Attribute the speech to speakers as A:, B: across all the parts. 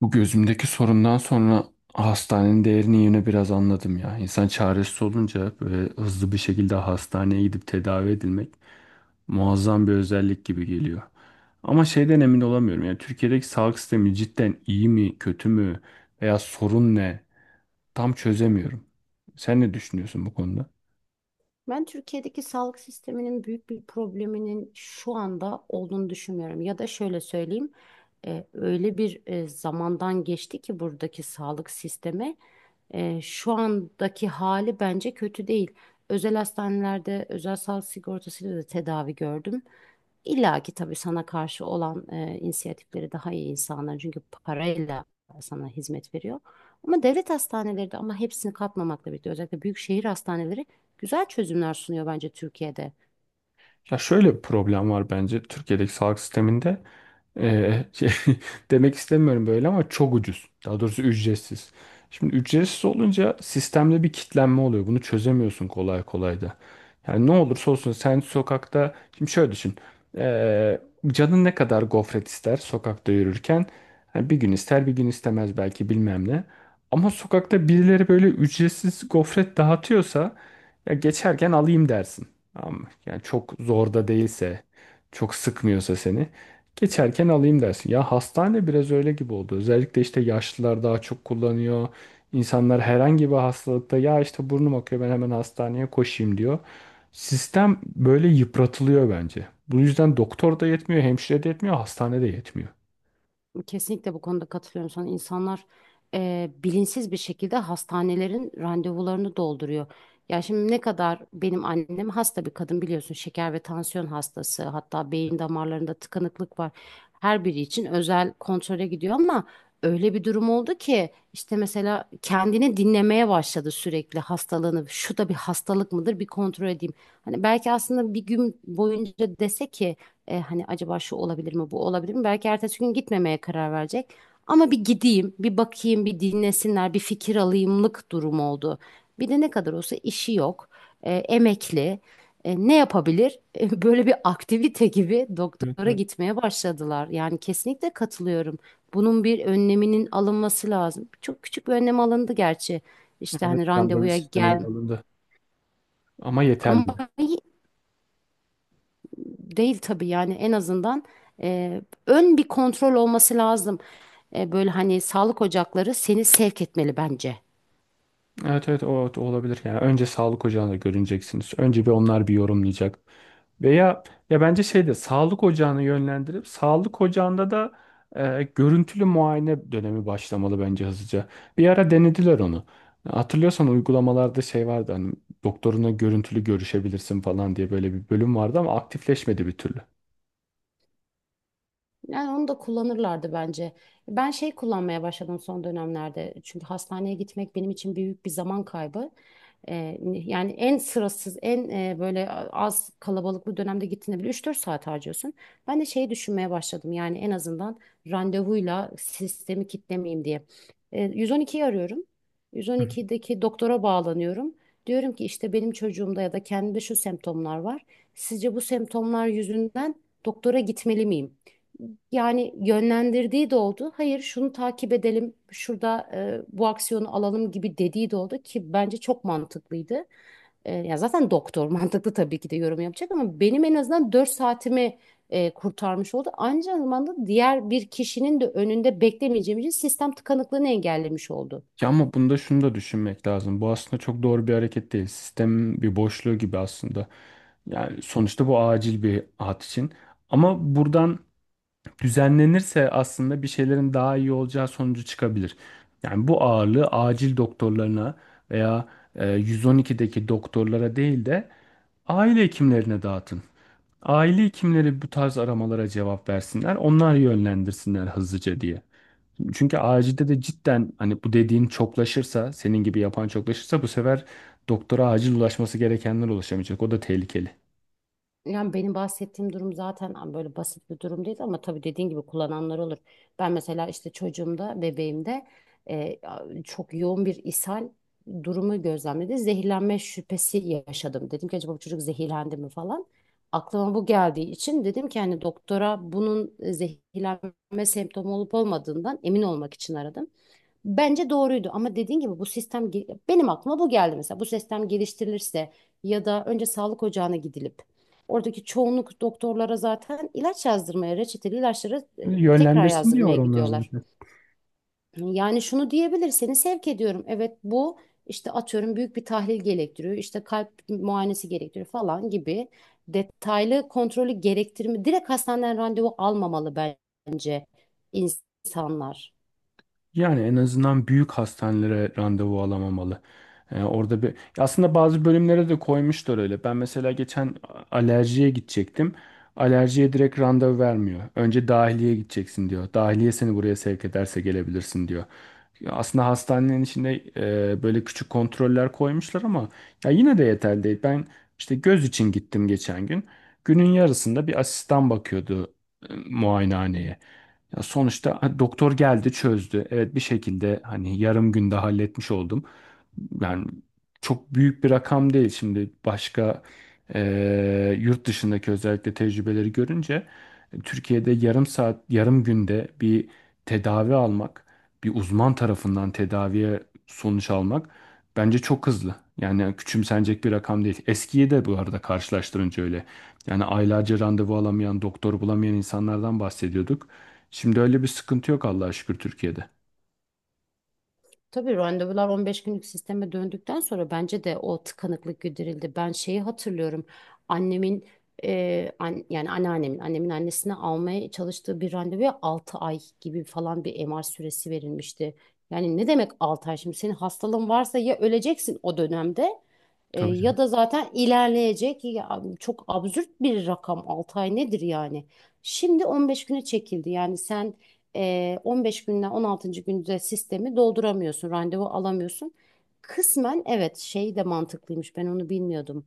A: Bu gözümdeki sorundan sonra hastanenin değerini yine biraz anladım ya. İnsan çaresiz olunca böyle hızlı bir şekilde hastaneye gidip tedavi edilmek muazzam bir özellik gibi geliyor. Ama şeyden emin olamıyorum. Yani Türkiye'deki sağlık sistemi cidden iyi mi, kötü mü veya sorun ne? Tam çözemiyorum. Sen ne düşünüyorsun bu konuda?
B: Ben Türkiye'deki sağlık sisteminin büyük bir probleminin şu anda olduğunu düşünmüyorum. Ya da şöyle söyleyeyim, öyle bir zamandan geçti ki buradaki sağlık sistemi şu andaki hali bence kötü değil. Özel hastanelerde özel sağlık sigortasıyla da tedavi gördüm. İlla ki tabii sana karşı olan inisiyatifleri daha iyi insanlar çünkü parayla sana hizmet veriyor. Ama devlet hastaneleri de, ama hepsini katmamakla birlikte özellikle büyük şehir hastaneleri güzel çözümler sunuyor bence Türkiye'de.
A: Ya şöyle bir problem var bence Türkiye'deki sağlık sisteminde. Ee, şey, Demek istemiyorum böyle ama çok ucuz. Daha doğrusu ücretsiz. Şimdi ücretsiz olunca sistemde bir kitlenme oluyor. Bunu çözemiyorsun kolay kolay da. Yani ne olursa olsun sen sokakta. Şimdi şöyle düşün. Ee, Canın ne kadar gofret ister sokakta yürürken? Yani bir gün ister bir gün istemez belki bilmem ne. Ama sokakta birileri böyle ücretsiz gofret dağıtıyorsa ya geçerken alayım dersin. Ama yani çok zor da değilse, çok sıkmıyorsa seni geçerken alayım dersin. Ya hastane biraz öyle gibi oldu. Özellikle işte yaşlılar daha çok kullanıyor. İnsanlar herhangi bir hastalıkta ya işte burnum akıyor ben hemen hastaneye koşayım diyor. Sistem böyle yıpratılıyor bence. Bu yüzden doktor da yetmiyor, hemşire de yetmiyor, hastane de yetmiyor.
B: Kesinlikle bu konuda katılıyorum sana. İnsanlar bilinçsiz bir şekilde hastanelerin randevularını dolduruyor. Ya şimdi ne kadar, benim annem hasta bir kadın biliyorsun, şeker ve tansiyon hastası, hatta beyin damarlarında tıkanıklık var. Her biri için özel kontrole gidiyor, ama öyle bir durum oldu ki işte, mesela kendini dinlemeye başladı sürekli hastalığını. Şu da bir hastalık mıdır, bir kontrol edeyim. Hani belki aslında bir gün boyunca dese ki, hani acaba şu olabilir mi, bu olabilir mi? Belki ertesi gün gitmemeye karar verecek. Ama bir gideyim, bir bakayım, bir dinlesinler, bir fikir alayımlık durum oldu. Bir de ne kadar olsa işi yok, emekli. Ne yapabilir? Böyle bir aktivite gibi
A: Evet,
B: doktora
A: evet.
B: gitmeye başladılar. Yani kesinlikle katılıyorum. Bunun bir önleminin alınması lazım. Çok küçük bir önlem alındı gerçi. İşte
A: Evet,
B: hani
A: randevu
B: randevuya
A: sisteminin
B: gel.
A: alındı. Ama yeterli mi?
B: Ama değil tabii, yani en azından e, ön bir kontrol olması lazım. Böyle hani sağlık ocakları seni sevk etmeli bence.
A: Evet evet, o olabilir. Yani önce sağlık ocağına görüneceksiniz. Önce bir onlar bir yorumlayacak. Veya ya bence şeyde sağlık ocağını yönlendirip sağlık ocağında da görüntülü muayene dönemi başlamalı bence hızlıca. Bir ara denediler onu. Hatırlıyorsan uygulamalarda şey vardı hani doktoruna görüntülü görüşebilirsin falan diye böyle bir bölüm vardı ama aktifleşmedi bir türlü.
B: Yani onu da kullanırlardı bence. Ben şey kullanmaya başladım son dönemlerde. Çünkü hastaneye gitmek benim için büyük bir zaman kaybı. Yani en sırasız, en böyle az kalabalıklı dönemde gittiğinde bile 3 4 saat harcıyorsun. Ben de şeyi düşünmeye başladım. Yani en azından randevuyla sistemi kitlemeyeyim diye. 112'yi arıyorum.
A: Hı hı.
B: 112'deki doktora bağlanıyorum. Diyorum ki işte, benim çocuğumda ya da kendimde şu semptomlar var. Sizce bu semptomlar yüzünden doktora gitmeli miyim? Yani yönlendirdiği de oldu. Hayır şunu takip edelim, şurada bu aksiyonu alalım gibi dediği de oldu ki bence çok mantıklıydı. Ya zaten doktor mantıklı tabii ki de yorum yapacak, ama benim en azından 4 saatimi kurtarmış oldu. Aynı zamanda diğer bir kişinin de önünde beklemeyeceğim için sistem tıkanıklığını engellemiş oldu.
A: Ya ama bunda şunu da düşünmek lazım. Bu aslında çok doğru bir hareket değil. Sistemin bir boşluğu gibi aslında. Yani sonuçta bu acil bir hat için. Ama buradan düzenlenirse aslında bir şeylerin daha iyi olacağı sonucu çıkabilir. Yani bu ağırlığı acil doktorlarına veya 112'deki doktorlara değil de aile hekimlerine dağıtın. Aile hekimleri bu tarz aramalara cevap versinler, onlar yönlendirsinler hızlıca diye. Çünkü acilde de cidden hani bu dediğin çoklaşırsa, senin gibi yapan çoklaşırsa bu sefer doktora acil ulaşması gerekenler ulaşamayacak. O da tehlikeli.
B: Yani benim bahsettiğim durum zaten böyle basit bir durum değil, ama tabii dediğin gibi kullananlar olur. Ben mesela işte çocuğumda, bebeğimde e, çok yoğun bir ishal durumu gözlemledi. Zehirlenme şüphesi yaşadım. Dedim ki, acaba bu çocuk zehirlendi mi falan. Aklıma bu geldiği için dedim ki, hani doktora bunun zehirlenme semptomu olup olmadığından emin olmak için aradım. Bence doğruydu, ama dediğin gibi bu benim aklıma bu geldi, mesela bu sistem geliştirilirse ya da önce sağlık ocağına gidilip oradaki çoğunluk doktorlara zaten ilaç yazdırmaya, reçeteli ilaçları tekrar
A: Yönlendirsin
B: yazdırmaya
A: diyor onlar
B: gidiyorlar.
A: zaten.
B: Yani şunu diyebilir, seni sevk ediyorum, evet bu işte atıyorum büyük bir tahlil gerektiriyor, işte kalp muayenesi gerektiriyor falan gibi detaylı kontrolü gerektirme, direkt hastaneden randevu almamalı bence insanlar.
A: Yani en azından büyük hastanelere randevu alamamalı. Orada bir Ya aslında bazı bölümlere de koymuşlar öyle. Ben mesela geçen alerjiye gidecektim. Alerjiye direkt randevu vermiyor. Önce dahiliye gideceksin diyor. Dahiliye seni buraya sevk ederse gelebilirsin diyor. Ya aslında hastanenin içinde böyle küçük kontroller koymuşlar ama ya yine de yeterli değil. Ben işte göz için gittim geçen gün. Günün yarısında bir asistan bakıyordu muayenehaneye. Ya sonuçta ha, doktor geldi çözdü. Evet bir şekilde hani yarım günde halletmiş oldum. Yani çok büyük bir rakam değil şimdi başka yurt dışındaki özellikle tecrübeleri görünce Türkiye'de yarım saat yarım günde bir tedavi almak bir uzman tarafından tedaviye sonuç almak bence çok hızlı. Yani küçümsenecek bir rakam değil. Eskiyi de bu arada karşılaştırınca öyle. Yani aylarca randevu alamayan, doktor bulamayan insanlardan bahsediyorduk. Şimdi öyle bir sıkıntı yok Allah'a şükür Türkiye'de.
B: Tabii randevular 15 günlük sisteme döndükten sonra bence de o tıkanıklık giderildi. Ben şeyi hatırlıyorum. Annemin yani anneannemin, annemin annesine almaya çalıştığı bir randevuya 6 ay gibi falan bir MR süresi verilmişti. Yani ne demek 6 ay şimdi? Senin hastalığın varsa ya öleceksin o dönemde
A: Tabii canım.
B: ya da zaten ilerleyecek. Ya, çok absürt bir rakam, 6 ay nedir yani? Şimdi 15 güne çekildi. Yani sen 15 günden 16. günde sistemi dolduramıyorsun, randevu alamıyorsun. Kısmen evet, şey de mantıklıymış, ben onu bilmiyordum.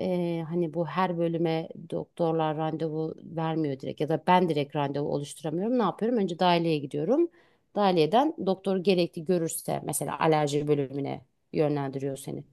B: Hani bu, her bölüme doktorlar randevu vermiyor direkt ya da ben direkt randevu oluşturamıyorum. Ne yapıyorum? Önce dahiliyeye gidiyorum. Dahiliyeden doktor gerekli görürse, mesela alerji bölümüne yönlendiriyor seni.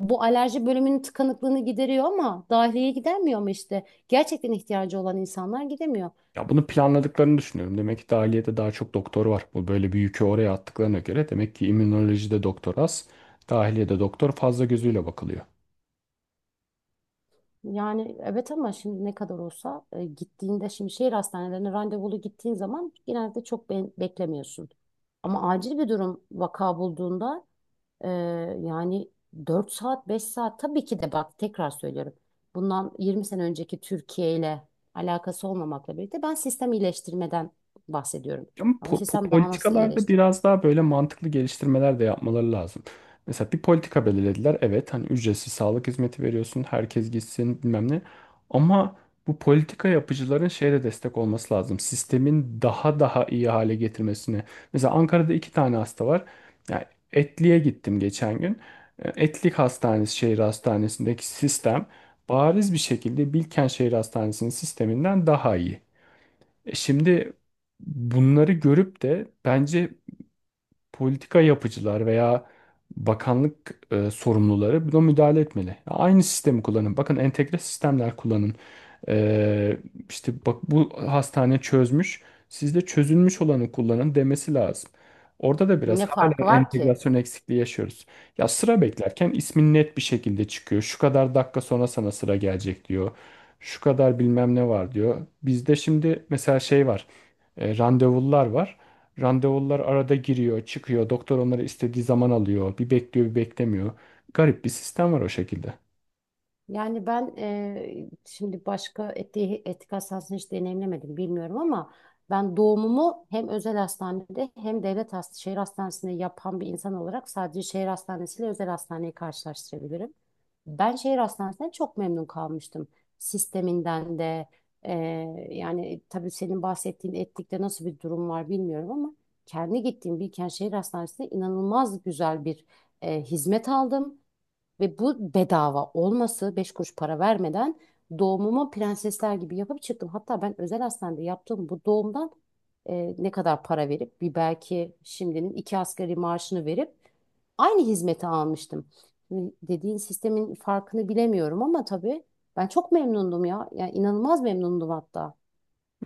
B: Bu alerji bölümünün tıkanıklığını gideriyor ama dahiliyeye gidermiyor, ama işte gerçekten ihtiyacı olan insanlar gidemiyor.
A: Ya bunu planladıklarını düşünüyorum. Demek ki dahiliyede daha çok doktor var. Bu böyle bir yükü oraya attıklarına göre demek ki immünolojide doktor az, dahiliyede doktor fazla gözüyle bakılıyor.
B: Yani evet, ama şimdi ne kadar olsa gittiğinde, şimdi şehir hastanelerine randevulu gittiğin zaman genelde çok beklemiyorsun. Ama acil bir durum, vaka bulduğunda e, yani 4 saat 5 saat, tabii ki de. Bak tekrar söylüyorum, bundan 20 sene önceki Türkiye ile alakası olmamakla birlikte ben sistem iyileştirmeden bahsediyorum.
A: Ama
B: Ya bu sistem daha nasıl
A: politikalarda
B: iyileştir?
A: biraz daha böyle mantıklı geliştirmeler de yapmaları lazım. Mesela bir politika belirlediler. Evet hani ücretsiz sağlık hizmeti veriyorsun. Herkes gitsin bilmem ne. Ama bu politika yapıcıların şeyde destek olması lazım. Sistemin daha iyi hale getirmesine. Mesela Ankara'da iki tane hasta var. Yani Etli'ye gittim geçen gün. Etlik Hastanesi şehir hastanesindeki sistem bariz bir şekilde Bilkent Şehir Hastanesi'nin sisteminden daha iyi. Şimdi bunları görüp de bence politika yapıcılar veya bakanlık sorumluları buna müdahale etmeli. Aynı sistemi kullanın. Bakın entegre sistemler kullanın. E, işte bak bu hastane çözmüş. Siz de çözülmüş olanı kullanın demesi lazım. Orada da biraz
B: Ne
A: hala
B: farkı var ki?
A: entegrasyon eksikliği yaşıyoruz. Ya sıra beklerken ismin net bir şekilde çıkıyor. Şu kadar dakika sonra sana sıra gelecek diyor. Şu kadar bilmem ne var diyor. Bizde şimdi mesela şey var. Randevular var. Randevular arada giriyor, çıkıyor. Doktor onları istediği zaman alıyor. Bir bekliyor, bir beklemiyor. Garip bir sistem var o şekilde.
B: Yani ben şimdi başka etik hastanesini hiç deneyimlemedim, bilmiyorum, ama ben doğumumu hem özel hastanede hem devlet hast şehir hastanesinde yapan bir insan olarak sadece şehir hastanesiyle özel hastaneyi karşılaştırabilirim. Ben şehir hastanesinden çok memnun kalmıştım. Sisteminden de yani tabii, senin bahsettiğin Etlik'te nasıl bir durum var bilmiyorum, ama kendi gittiğim Bilkent Şehir Hastanesi'nde inanılmaz güzel bir hizmet aldım. Ve bu bedava olması, 5 kuruş para vermeden doğumumu prensesler gibi yapıp çıktım. Hatta ben özel hastanede yaptığım bu doğumdan ne kadar para verip, bir belki şimdinin iki asgari maaşını verip aynı hizmeti almıştım. Şimdi dediğin sistemin farkını bilemiyorum, ama tabii ben çok memnundum ya. Yani inanılmaz memnundum hatta.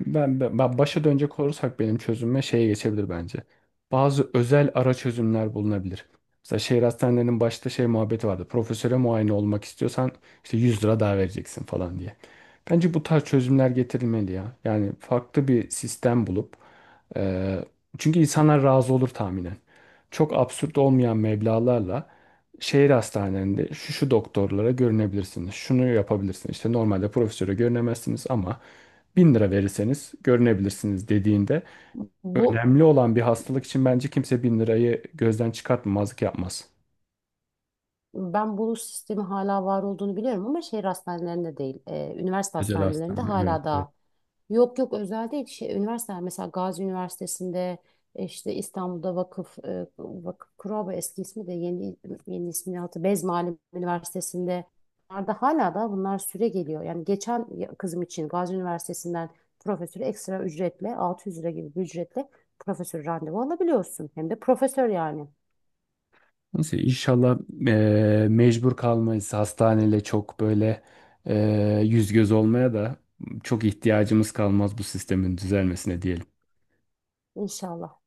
A: Ben başa dönecek olursak benim çözümüme şeye geçebilir bence. Bazı özel ara çözümler bulunabilir. Mesela şehir hastanelerinin başta şey muhabbeti vardı. Profesöre muayene olmak istiyorsan işte 100 lira daha vereceksin falan diye. Bence bu tarz çözümler getirilmeli ya. Yani farklı bir sistem bulup eee, çünkü insanlar razı olur tahminen. Çok absürt olmayan meblağlarla şehir hastanelerinde şu şu doktorlara görünebilirsiniz. Şunu yapabilirsiniz. İşte normalde profesöre görünemezsiniz ama 1.000 lira verirseniz görünebilirsiniz dediğinde
B: Bu
A: önemli olan bir hastalık için bence kimse 1.000 lirayı gözden çıkartmazlık yapmaz.
B: ben bu sistemin hala var olduğunu biliyorum, ama şehir hastanelerinde değil, üniversite
A: Özel
B: hastanelerinde
A: hastaneler, evet.
B: hala
A: Evet.
B: daha. Yok yok, özel değil, şey, üniversiteler, mesela Gazi Üniversitesi'nde işte, İstanbul'da vakıf, vakıf Kuraba eski ismi, de yeni yeni ismini Bez Muallim Üniversitesi'nde, bunlar da hala da bunlar süre geliyor. Yani geçen kızım için Gazi Üniversitesi'nden profesörü ekstra ücretle 600 lira gibi bir ücretle profesör randevu alabiliyorsun. Hem de profesör yani.
A: Neyse inşallah mecbur kalmayız hastaneyle çok böyle yüz göz olmaya da çok ihtiyacımız kalmaz bu sistemin düzelmesine diyelim.
B: İnşallah.